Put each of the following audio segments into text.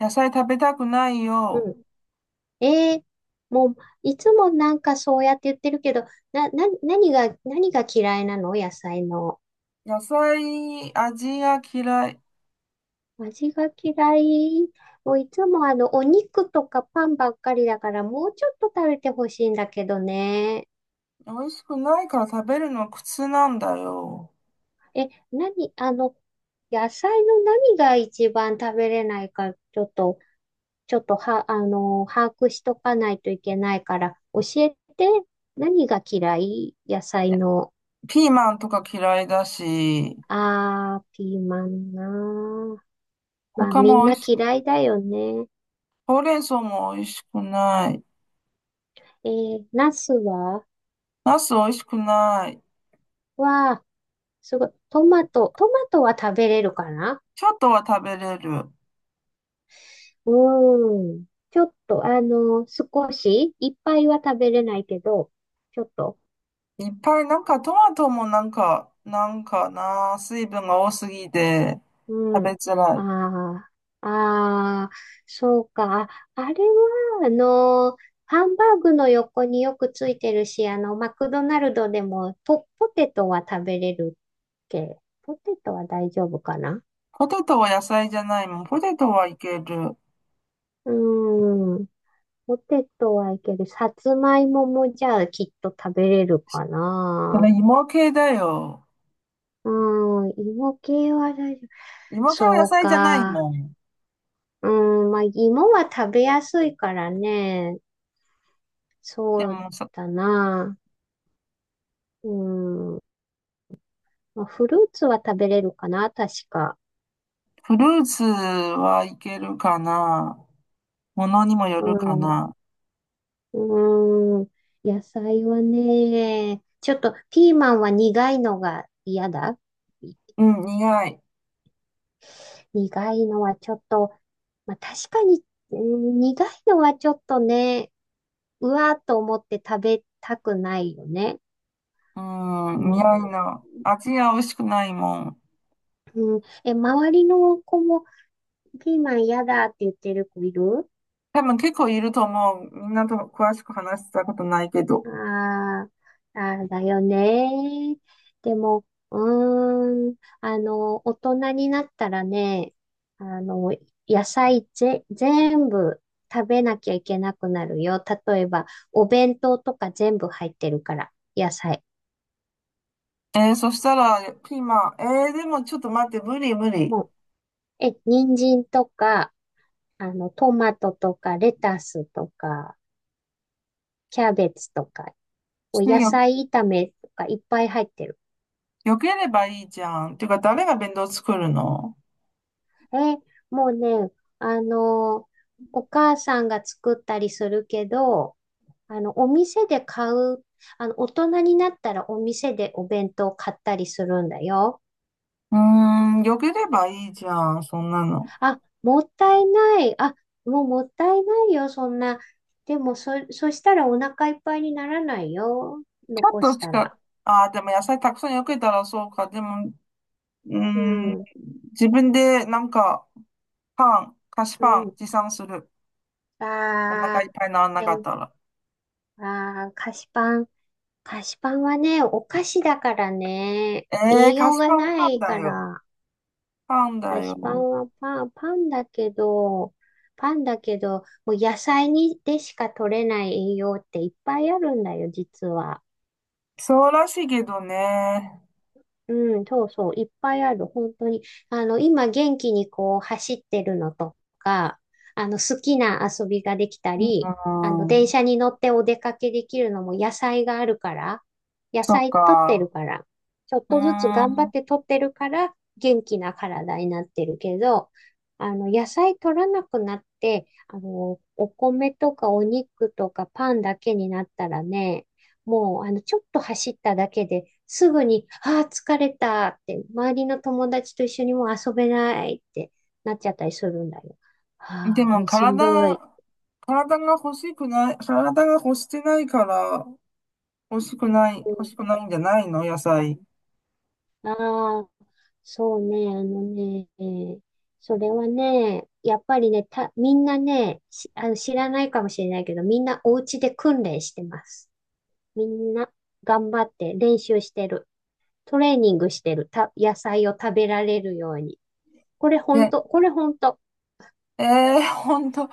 野菜食べたくないうよ。ん。えー、もう、いつもなんかそうやって言ってるけど、な、な、何が、何が嫌いなの、野菜の？野菜、味が嫌い。味が嫌い。もういつもお肉とかパンばっかりだから、もうちょっと食べてほしいんだけどね。美味しくないから食べるのは苦痛なんだよ。何？野菜の何が一番食べれないか、ちょっとは、把握しとかないといけないから、教えて、何が嫌い、野菜の？ピーマンとか嫌いだし、あー、ピーマンなー。まあ、他みんも美な味しく、嫌いだよね。ほうれん草も美味しくない。ナスは、ナス美味しくない。は、すごい。トマトは食べれるかな。ちょっとは食べれる。うーん。ちょっと、少し、いっぱいは食べれないけど、ちょっと。いっぱいなんかトマトもなんか、なんかな、水分が多すぎてう食べん。づらい。ああ、ああ、そうか。あ、あれは、ハンバーグの横によくついてるし、マクドナルドでもポテトは食べれる、ケー。ポテトは大丈夫かな。ポテトは野菜じゃないもん。ポテトはいける。うーん。ポテトはいける。さつまいももじゃあきっと食べれるかそな。れ芋系だよ。うーん。芋系は大丈夫。芋系はそ野う菜じゃないか。もん。うーん。まあ、芋は食べやすいからね。でそうも、だな。うーん。まあ、フルーツは食べれるかな、確か。フルーツはいけるかな。ものにもようるかん。な。うーん。野菜はね、ちょっとピーマンは苦いのが嫌だ。うん、苦い。苦いのはちょっと、まあ、確かに、うん、苦いのはちょっとね、うわーっと思って食べたくないよね。ううん、ん、苦いの。味が美味しくないもん。うん、周りの子もピーマン嫌だって言ってる子いる？多分結構いると思う。みんなと詳しく話したことないけど。ああ、あれだよね。でも、うーん、大人になったらね、あの、野菜全部食べなきゃいけなくなるよ。例えば、お弁当とか全部入ってるから、野菜。えー、そしたら、ピーマン。えー、でもちょっと待って、無理無理。もう、人参とか、トマトとか、レタスとか、キャベツとか、お野よ、菜炒めとかいっぱい入ってる。よければいいじゃん。てか、誰が弁当作るの？え、もうね、あの、お母さんが作ったりするけど、お店で買う、大人になったらお店でお弁当買ったりするんだよ。うーん、よければいいじゃん、そんなの。あ、もったいない。あ、もうもったいないよ、そんな。でも、そしたらお腹いっぱいにならないよ。ち残ょっしとしたら。か、ああ、でも野菜たくさんよけたらそうか。でも、うーうん、ん、自分でなんか、パン、菓子うパンん。持参する。お腹いっあぱいにならー、なでかっも、たら。あー、菓子パン。菓子パンはね、お菓子だからね、ええ栄ー、菓養子がパンなパンいだかよ。ら、パンだ菓子パよ。ンはパンだけど、もう野菜にでしか取れない栄養っていっぱいあるんだよ、実は。そうらしいけどね。うん、そうそう、いっぱいある、本当に。今元気にこう走ってるのとか、好きな遊びができたうん、り、電車に乗ってお出かけできるのも野菜があるから、野そっ菜取ってるか。から、ちょっうとずつ頑張っーて取ってるから、元気な体になってるけど、野菜取らなくなって、お米とかお肉とかパンだけになったらね、もう、ちょっと走っただけで、すぐに、ああ、疲れたって、周りの友達と一緒にもう遊べないってなっちゃったりするんだよ。ん、でああ、ももうしんど体、い。体が欲しくない、体が欲してないから、欲しくない、欲うしくないんじゃないの野菜？ん、ああ、そうね、あのね、それはね、やっぱりね、みんなね、しあの、知らないかもしれないけど、みんなお家で訓練してます。みんな頑張って練習してる。トレーニングしてる。野菜を食べられるように。これ本で、当、これ本当。ええー、ほんと。う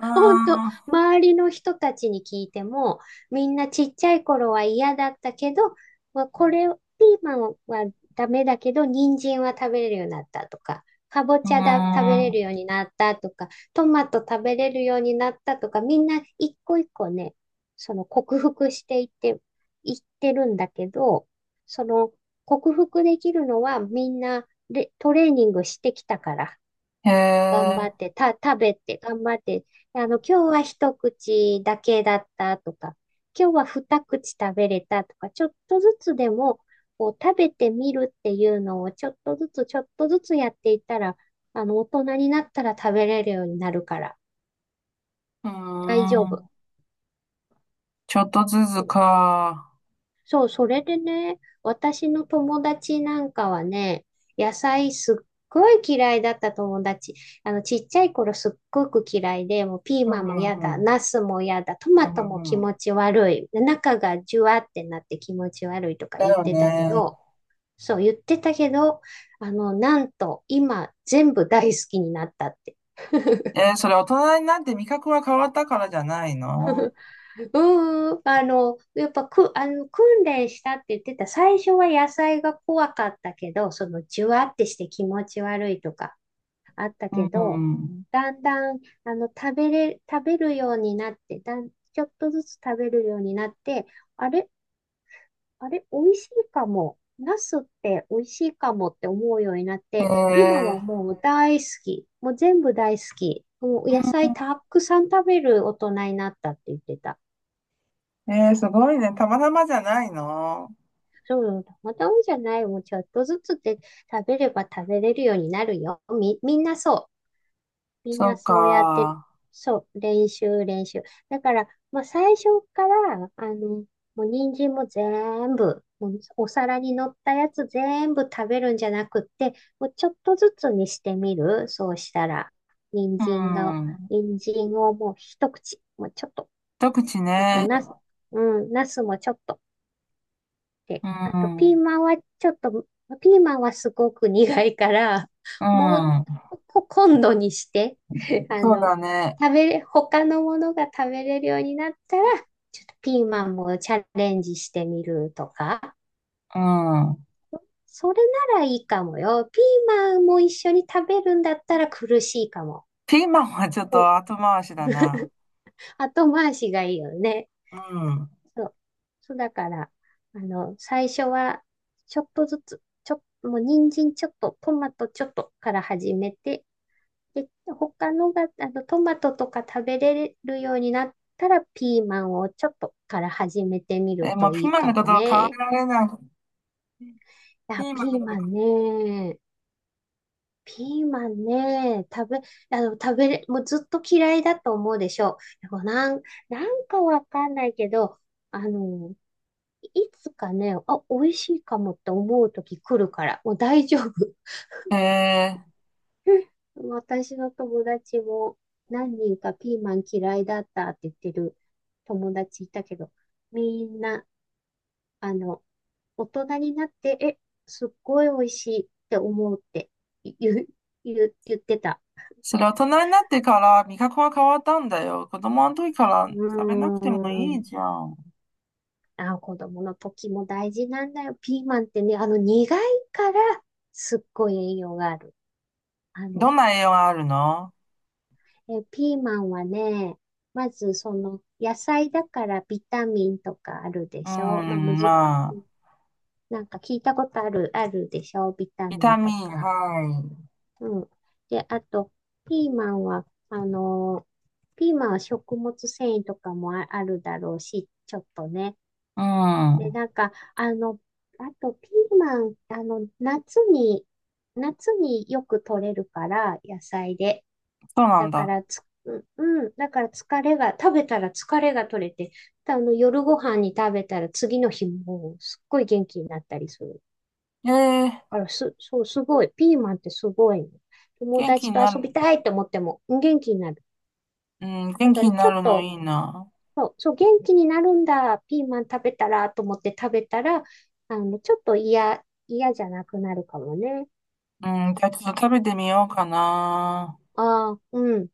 ー 本当、ん。う周りの人たちに聞いても、みんなちっちゃい頃は嫌だったけど、まあ、これ、ピーマンはダメだけど、人参は食べれるようになったとか、かぼちゃだ、食べーれるようになったとか、トマト食べれるようになったとか、みんな一個一個ね、その克服していってるんだけど、その克服できるのはみんなでトレーニングしてきたから。ん。へ頑張え。って、食べて、頑張って、今日は一口だけだったとか、今日は二口食べれたとか、ちょっとずつでも、こう、食べてみるっていうのを、ちょっとずつ、ちょっとずつやっていったら、大人になったら食べれるようになるから、うー大丈夫。ん。ちょっとずつか。そう、それでね、私の友達なんかはね、野菜すっごい嫌いだった友達。ちっちゃい頃すっごく嫌いで、もうピーうんマンうもんう嫌だ、ん。ナスも嫌だ、トうマんトうも気んうん。持ち悪い、中がジュワってなって気持ち悪いとかだ言っよてたけね。ど、そう言ってたけど、なんと今全部大好きになったって。えー、それ大人になって味覚が変わったからじゃないの？うんうん、あの、やっぱく、あの、訓練したって言ってた。最初は野菜が怖かったけど、じゅわってして気持ち悪いとかあったうけど、ん。だんだん、食べるようになって、ちょっとずつ食べるようになって、あれ、あれ、美味しいかも。ナスって美味しいかもって思うようになって、今はええもう大好き。もう全部大好き。もう野菜たくさん食べる大人になったって言ってた。ー。えー、すごいね。たまたまじゃないの？そう、たまたまじゃない。もうちょっとずつで食べれば食べれるようになるよ。みんなそう。みんそなうそうやって、か。そう、練習、練習。だから、まあ、最初から、もう人参も全部、もうお皿に乗ったやつ全部食べるんじゃなくって、もうちょっとずつにしてみる。そうしたら、人う参が、ん。人参をもう一口、もうちょっと、一口あと、ね。なす、うん、なすもちょっと。で、うあと、ん。うピーマンはすごく苦いから、もう、ん。今度にして、あそうの、だね。食べれ、他のものが食べれるようになったら、ちょっとピーマンもチャレンジしてみるとか、うん。それならいいかもよ。ピーマンも一緒に食べるんだったら苦しいかも。ピーマンはちょっこう、と後回しだな。後回しがいいよね。うん。そう。そうだから、最初は、ちょっとずつ、もう人参ちょっと、トマトちょっとから始めて、で、他のが、トマトとか食べれるようになったら、ピーマンをちょっとから始めてみるえ、もとういピーいマンかのこもとを考えね。られない。ピあ、ーマピンのーことマかンね。ピーマンね。食べ、あの、食べれ、もうずっと嫌いだと思うでしょう。でもなんかわかんないけど、あの、いつかね、あ、美味しいかもって思う時来るから、もう大丈夫。な。えー、私の友達も何人かピーマン嫌いだったって言ってる友達いたけど、みんな、あの、大人になって、すっごい美味しいって思うって言う、言ってた。それ大人になってから味覚が変わったんだよ。子供の時からう食べなくてもーいいん。じゃん。あ、子供の時も大事なんだよ。ピーマンってね、あの苦いからすっごい栄養がある。あどの、んな栄養があるの？ピーマンはね、まずその野菜だからビタミンとかあるでうしょ？まあ、むん、ず、まあ、なんか聞いたことあるでしょ？ビタビミタンミとン、か。はい。うん。で、あと、ピーマンは、ピーマンは食物繊維とかもあるだろうし、ちょっとね。うで、ん、なんか、あとピーマン、夏によく取れるから、野菜で。そうなだんかだ。らうん、だから疲れが、食べたら疲れが取れて、夜ご飯に食べたら次の日もすっごい元気になったりする。えー、だからそう、すごい。ピーマンってすごいね。友元気達にとな遊る、びたいって思っても元気になる。うん、だ元か気らにちなょっるのと、いいな。そう、そう、元気になるんだ、ピーマン食べたら、と思って食べたら、ちょっと嫌じゃなくなるかもね。うん、じゃあちょっと食べてみようかな。ああ、うん。